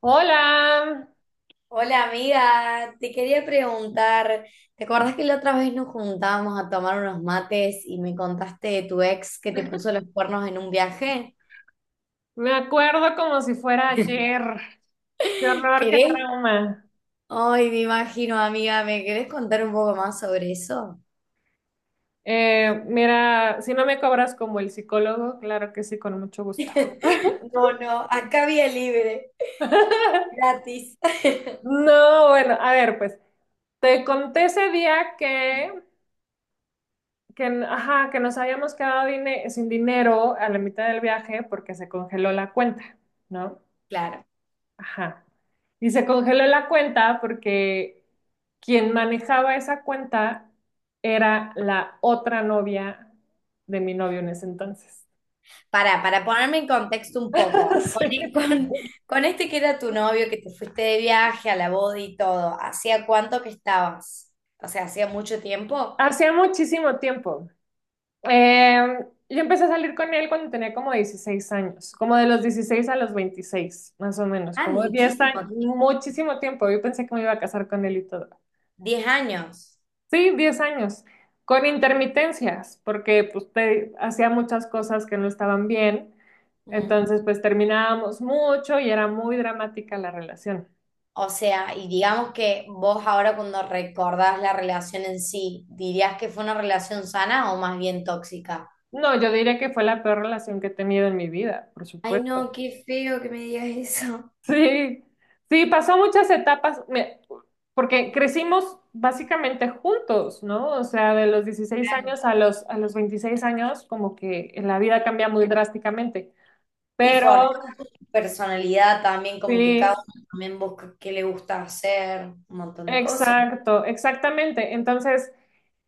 Hola, Hola amiga, te quería preguntar, ¿te acordás que la otra vez nos juntábamos a tomar unos mates y me contaste de tu ex que te puso los cuernos en un viaje? me acuerdo como si fuera ayer. Qué horror, qué ¿Querés? trauma. Ay, me imagino, amiga, ¿me querés contar un poco más sobre eso? Mira, si no me cobras como el psicólogo, claro que sí, con mucho gusto. No, no, acá vía libre, gratis. No, bueno, a ver, pues te conté ese día ajá, que nos habíamos quedado sin dinero a la mitad del viaje porque se congeló la cuenta, ¿no? Claro. Ajá. Y se congeló la cuenta porque quien manejaba esa cuenta era la otra novia de mi novio en ese entonces. Para ponerme en contexto un poco, Sí. con, con este que era tu novio, que te fuiste de viaje a la boda y todo, ¿hacía cuánto que estabas? O sea, ¿hacía mucho tiempo? Hacía muchísimo tiempo. Yo empecé a salir con él cuando tenía como 16 años, como de los 16 a los 26, más o menos, Ah, como 10 muchísimo, años, muchísimo tiempo. Yo pensé que me iba a casar con él y todo. 10 años. Sí, 10 años, con intermitencias, porque pues hacía muchas cosas que no estaban bien, Mm. entonces pues terminábamos mucho y era muy dramática la relación. O sea, y digamos que vos ahora cuando recordás la relación en sí, ¿dirías que fue una relación sana o más bien tóxica? No, yo diría que fue la peor relación que he tenido en mi vida, por Ay, supuesto. no, qué feo que me digas eso. Sí, sí, pasó muchas etapas, porque crecimos básicamente juntos, ¿no? O sea, de los dieciséis Claro. años a los 26 años, como que la vida cambia muy drásticamente, Y forjar pero tu personalidad también, como que cada sí. uno también busca qué le gusta hacer, un montón de cosas. Exacto, exactamente. Entonces,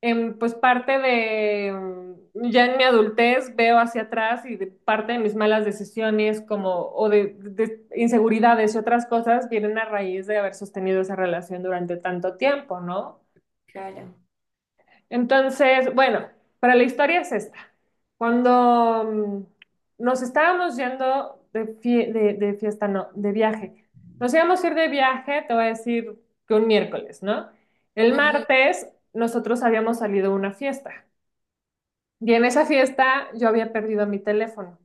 pues parte de, ya en mi adultez veo hacia atrás, y de parte de mis malas decisiones, como, o de inseguridades y otras cosas vienen a raíz de haber sostenido esa relación durante tanto tiempo, ¿no? Claro. Entonces, bueno, para la historia es esta. Cuando nos estábamos yendo de fiesta, no, de viaje. Nos íbamos a ir de viaje, te voy a decir que un miércoles, ¿no? El Ujú. martes nosotros habíamos salido a una fiesta y en esa fiesta yo había perdido mi teléfono.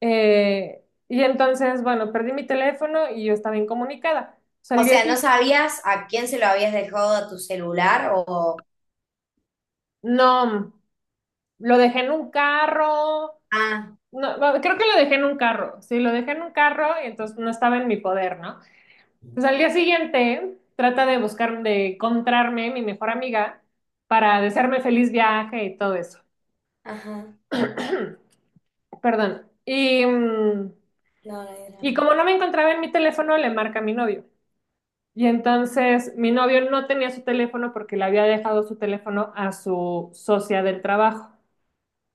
Y entonces, bueno, perdí mi teléfono y yo estaba incomunicada. O Salí sea, así. ¿no sabías a quién se lo habías dejado a tu celular o... No, lo dejé en un carro. Ah, No, no, creo que lo dejé en un carro. Sí, lo dejé en un carro y entonces no estaba en mi poder, ¿no? Entonces, al día siguiente, trata de buscar, de encontrarme mi mejor amiga para desearme feliz viaje y todo eso. ajá. Perdón. Y, mm, No, no hay y drama. como no me encontraba en mi teléfono, le marca a mi novio. Y entonces mi novio no tenía su teléfono porque le había dejado su teléfono a su socia del trabajo,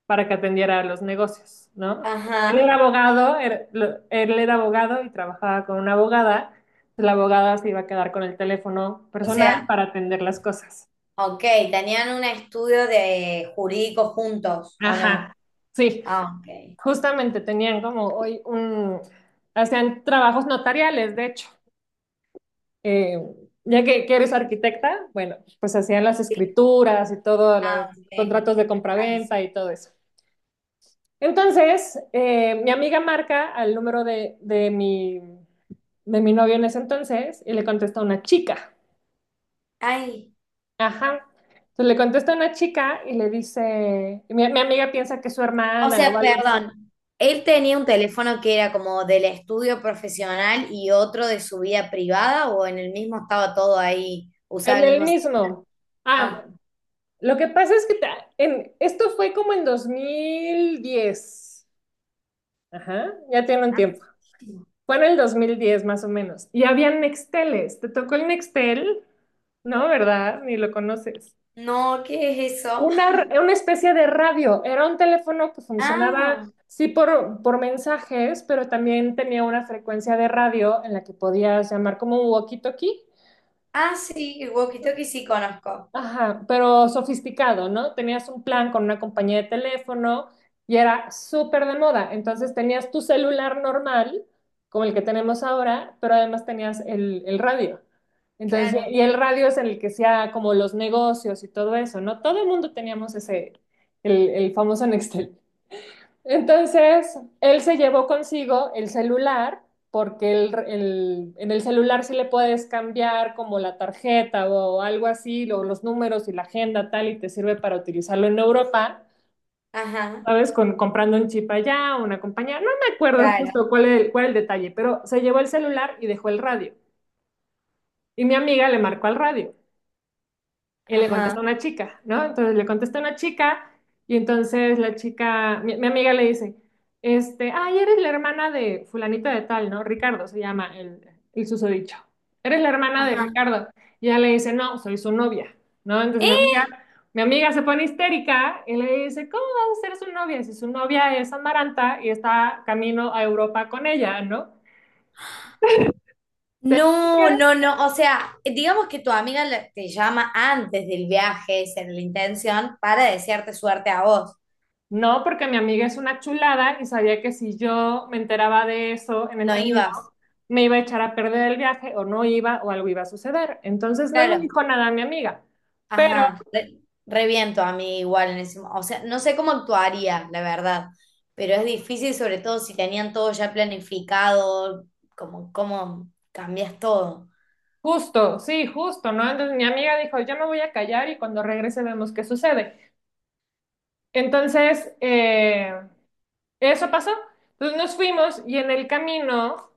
para que atendiera los negocios, ¿no? Él Ajá. era abogado, era- lo- él era abogado y trabajaba con una abogada. La abogada se iba a quedar con el teléfono O personal sea, para atender las cosas. ok, tenían un estudio de jurídico juntos, ¿o no? Ajá, sí, Ah, ok. justamente tenían como hoy un, hacían trabajos notariales, de hecho. Eh, ya que eres arquitecta, bueno, pues hacían las Sí, escrituras y todos los ah, ok. contratos de De descanso. compraventa y todo eso. Entonces, mi amiga marca al número de mi novio en ese entonces y le contesta a una chica. Ay, Ajá. Entonces, le contesta a una chica y le dice, y mi amiga piensa que es su o hermana o sea, algo así. perdón. Él tenía un teléfono que era como del estudio profesional y otro de su vida privada, o en el mismo estaba todo ahí, usaba En el el mismo. mismo. Ah, Ah, lo que pasa es que esto fue como en 2010. Ajá, ya tiene un ah, tiempo. sí. Fue en el 2010, más o menos. Y había Nexteles. ¿Te tocó el Nextel? No, ¿verdad? Ni lo conoces. No, ¿qué es eso? Una especie de radio. Era un teléfono que funcionaba, Ah, sí, por mensajes, pero también tenía una frecuencia de radio en la que podías llamar como un walkie-talkie. ah, sí, el walkie-talkie sí conozco. Ajá, pero sofisticado, ¿no? Tenías un plan con una compañía de teléfono y era súper de moda. Entonces, tenías tu celular normal, como el que tenemos ahora, pero además tenías el radio. Entonces, Claro, y el radio es en el que hacía como los negocios y todo eso, ¿no? Todo el mundo teníamos ese, el famoso Nextel. Entonces, él se llevó consigo el celular, porque en el celular sí le puedes cambiar como la tarjeta o algo así, o los números y la agenda tal, y te sirve para utilizarlo en Europa, ajá, ¿sabes? Con, comprando un chip allá, una compañía, no me acuerdo justo claro, cuál es el, cuál el detalle, pero se llevó el celular y dejó el radio. Y mi amiga le marcó al radio. Y le contesta ajá, una chica, ¿no? Entonces, le contesta una chica, y entonces la chica, mi amiga le dice, este, ay, eres la hermana de fulanito de tal, ¿no? Ricardo se llama el susodicho. Eres la hermana de ajá. Ricardo. Y ella le dice, no, soy su novia, ¿no? Entonces mi amiga, ¡Eh! mi amiga se pone histérica y le dice, ¿cómo vas a ser su novia si su novia es Amaranta y está camino a Europa con ella, ¿no? Te- No, no, no. O sea, digamos que tu amiga la- te llama antes del viaje, esa era la intención, para desearte suerte a vos. No, porque mi amiga es una chulada y sabía que si yo me enteraba de eso en el No camino, ibas. me iba a echar a perder el viaje, o no iba, o algo iba a suceder. Entonces, no me Claro. dijo nada mi amiga, pero Ajá. Re, re bien tu amiga igual en ese mo- O sea, no sé cómo actuaría, la verdad. Pero es difícil, sobre todo si tenían todo ya planificado, como cómo cambias todo. justo, sí, justo, ¿no? Entonces mi amiga dijo, yo me voy a callar y cuando regrese vemos qué sucede. Entonces, eso pasó. Entonces nos fuimos, y en el camino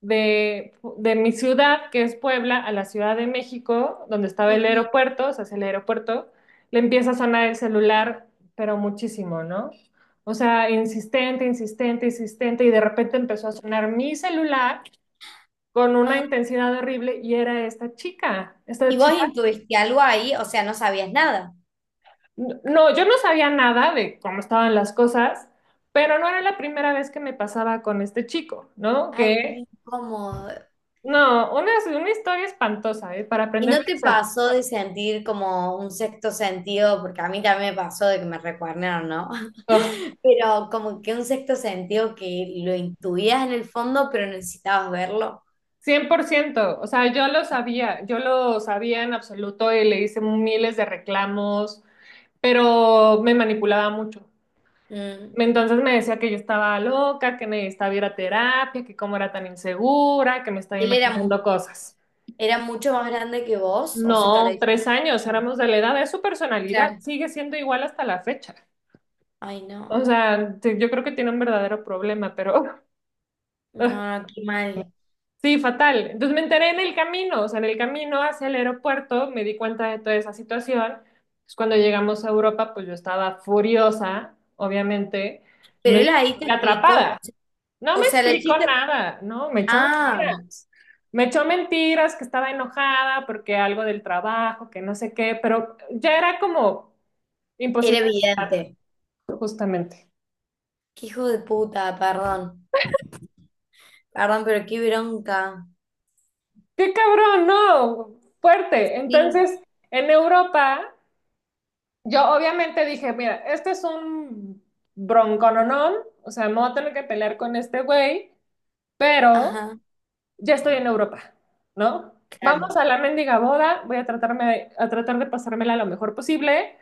de mi ciudad, que es Puebla, a la Ciudad de México, donde estaba el Ujú. aeropuerto, o sea, hacia el aeropuerto, le empieza a sonar el celular, pero muchísimo, ¿no? O sea, insistente, insistente, insistente, y de repente empezó a sonar mi celular con una Ajá. intensidad horrible y era esta chica, esta ¿Y vos chica. intuiste algo ahí? O sea, no sabías nada. No, yo no sabía nada de cómo estaban las cosas, pero no era la primera vez que me pasaba con este chico, ¿no? Ay, qué Que incómodo. no, una historia espantosa, ¿eh? Para ¿Y aprender no te lecciones. pasó de sentir como un sexto sentido? Porque a mí también me pasó de que me recuernaron, ¿no? Ah, Pero como que un sexto sentido que lo intuías en el fondo, pero necesitabas verlo. 100%, o sea, yo lo sabía en absoluto, y le hice miles de reclamos, pero me manipulaba mucho. Mm. Entonces me decía que yo estaba loca, que necesitaba ir a terapia, que cómo era tan insegura, que me estaba Él era, imaginando cosas. era mucho más grande que vos, o sea, la No, tres diferencia. años, Ah, éramos de la edad, es su personalidad, claro. sigue siendo igual hasta la fecha. Ay, O no. sea, yo creo que tiene un verdadero problema, pero No, no, qué mal. sí, fatal. Entonces me enteré en el camino, o sea, en el camino hacia el aeropuerto me di cuenta de toda esa situación. Pues cuando llegamos a Europa, pues yo estaba furiosa, obviamente, no, Pero él ahí te y explicó, o atrapada. sea, No o me sea, la explicó chica. nada, no, me echó Ah, mentiras. Me echó mentiras, que estaba enojada porque algo del trabajo, que no sé qué, pero ya era como imposible, era evidente. justamente. Qué hijo de puta, perdón. Perdón, pero qué bronca. ¡Qué cabrón! No, fuerte. Sí, Entonces, en Europa, yo obviamente dije, mira, este es un broncononón, o sea, me voy a tener que pelear con este güey, pero ajá, ya estoy en Europa, ¿no? claro, Vamos a la mendiga boda, voy a tratarme, a tratar de pasármela lo mejor posible.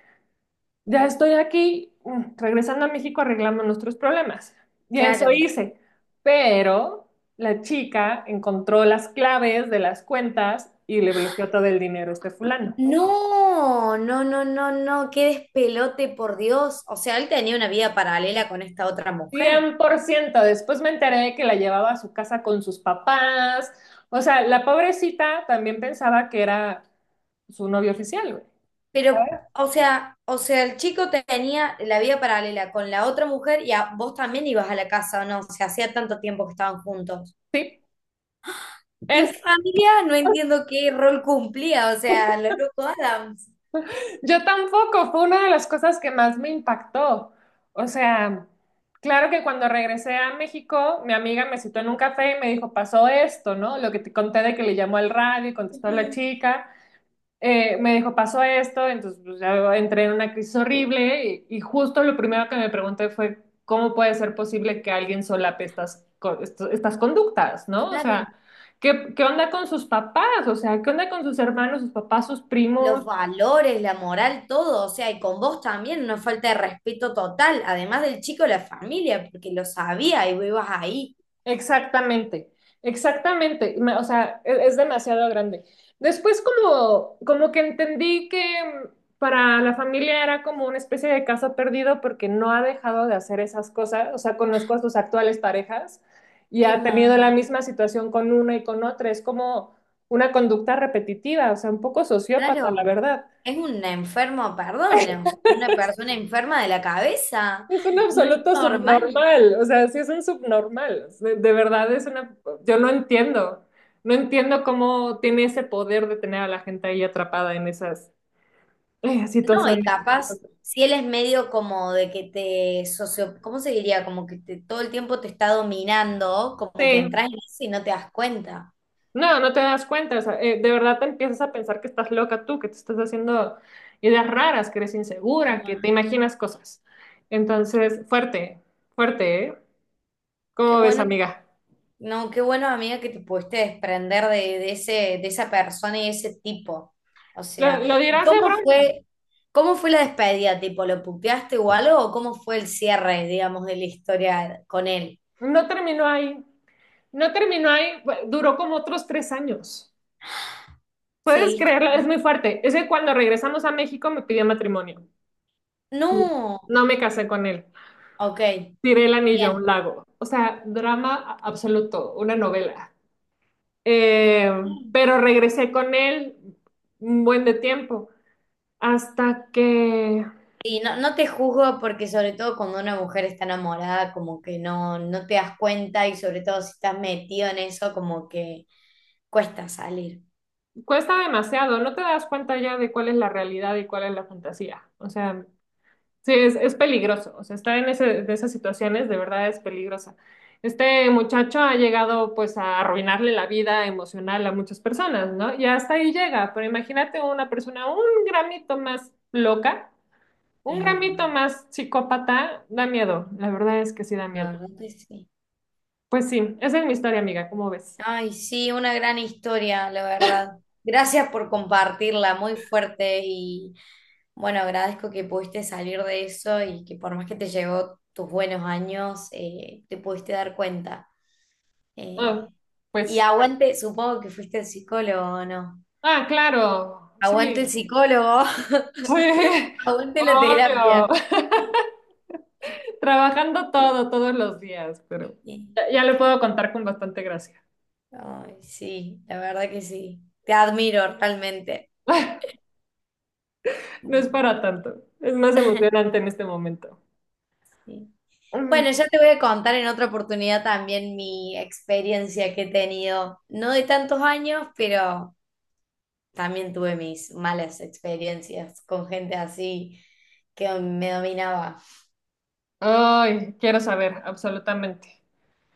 Ya estoy aquí, regresando a México arreglamos nuestros problemas. Y eso claro. hice. Pero la chica encontró las claves de las cuentas y le bloqueó todo el dinero a este fulano. No, no, no, no, no, qué despelote, por Dios. O sea, él tenía una vida paralela con esta otra mujer. 100%. Después me enteré de que la llevaba a su casa con sus papás. O sea, la pobrecita también pensaba que era su novio oficial, güey. Pero, ¿Sabes? o sea, el chico tenía la vida paralela con la otra mujer y a, vos también ibas a la casa, ¿o no? O sea, hacía tanto tiempo que estaban juntos. Sí. Y Es, la familia, no entiendo qué rol cumplía, o sea, lo loco Adams. yo tampoco, fue una de las cosas que más me impactó. O sea, claro que cuando regresé a México, mi amiga me citó en un café y me dijo, pasó esto, ¿no? Lo que te conté, de que le llamó al radio y contestó la Ujú, chica. Me dijo, pasó esto, entonces pues, ya entré en una crisis horrible, y justo lo primero que me pregunté fue, ¿cómo puede ser posible que alguien solape estas, estas conductas, ¿no? O claro. sea, ¿qué, qué onda con sus papás? O sea, ¿qué onda con sus hermanos, sus papás, sus primos? Los valores, la moral, todo, o sea, y con vos también, una falta de respeto total, además del chico, la familia, porque lo sabía y vos ibas ahí. Exactamente, exactamente. O sea, es demasiado grande. Después, como que entendí que, mm, para la familia era como una especie de caso perdido porque no ha dejado de hacer esas cosas. O sea, conozco a sus actuales parejas y Qué ha tenido la mal, misma situación con una y con otra. Es como una conducta repetitiva, o sea, un poco sociópata, la claro. verdad. Es un enfermo, perdón, o sea, una persona enferma de la cabeza, Es un no es absoluto normal. subnormal, o sea, sí es un subnormal, de verdad es una, yo no entiendo, no entiendo cómo tiene ese poder de tener a la gente ahí atrapada en esas, No, y situaciones. capaz, si él es medio como de que te socio, ¿cómo se diría? Como que te- todo el tiempo te está dominando, como que Sí, entras en eso y no te das cuenta. no, no te das cuenta, o sea, de verdad te empiezas a pensar que estás loca tú, que te estás haciendo ideas raras, que eres Qué insegura, que te mal. imaginas cosas. Entonces, fuerte, fuerte, ¿eh? Qué ¿Cómo ves, bueno. amiga? No, qué bueno, amiga, que te pudiste desprender de ese, de esa persona y ese tipo. O Lo, sea, lo ¿y dirás de cómo broma. fue, cómo fue la despedida? ¿Tipo, lo puteaste o algo? ¿O cómo fue el cierre, digamos, de la historia con él? No terminó ahí. No terminó ahí, duró como otros 3 años. ¿Puedes ¿Seguiste creerlo? con Es él? muy fuerte. Es que cuando regresamos a México me pidió matrimonio. No. No me casé con él. Ok, Tiré el anillo a un bien. lago. O sea, drama absoluto, una novela. Eh, pero regresé con él un buen de tiempo hasta que Y no, no te juzgo porque sobre todo cuando una mujer está enamorada, como que no, no te das cuenta y sobre todo si estás metido en eso, como que cuesta salir. cuesta demasiado. No te das cuenta ya de cuál es la realidad y cuál es la fantasía. O sea, sí, es peligroso, o sea, estar en ese, de esas situaciones de verdad es peligrosa. Este muchacho ha llegado pues a arruinarle la vida emocional a muchas personas, ¿no? Y hasta ahí llega, pero imagínate una persona un gramito más loca, un Es gramito verdad. más psicópata, da miedo, la verdad es que sí da La miedo. verdad que sí. Pues sí, esa es mi historia, amiga, ¿cómo ves? Ay, sí, una gran historia, la verdad. Gracias por compartirla, muy fuerte y bueno, agradezco que pudiste salir de eso y que por más que te llevó tus buenos años, te pudiste dar cuenta. Ah, Eh, y pues, aguante, supongo que fuiste el psicólogo, ¿o no? ah, claro, Aguante el sí, psicólogo, sí, aguante la obvio. terapia. Trabajando todo, todos los días, pero Y- ya, ya lo puedo contar con bastante gracia. Ay, sí, la verdad que sí. Te admiro realmente. No es para tanto, es más emocionante en este momento. Sí. Mm. Bueno, ya te voy a contar en otra oportunidad también mi experiencia que he tenido, no de tantos años, pero también tuve mis malas experiencias con gente así que me dominaba. Ay, quiero saber, absolutamente.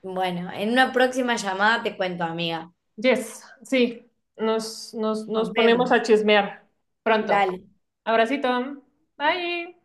Bueno, en una próxima llamada te cuento, amiga. Yes, sí, nos Nos ponemos a vemos. chismear pronto. Dale. Abracito, bye.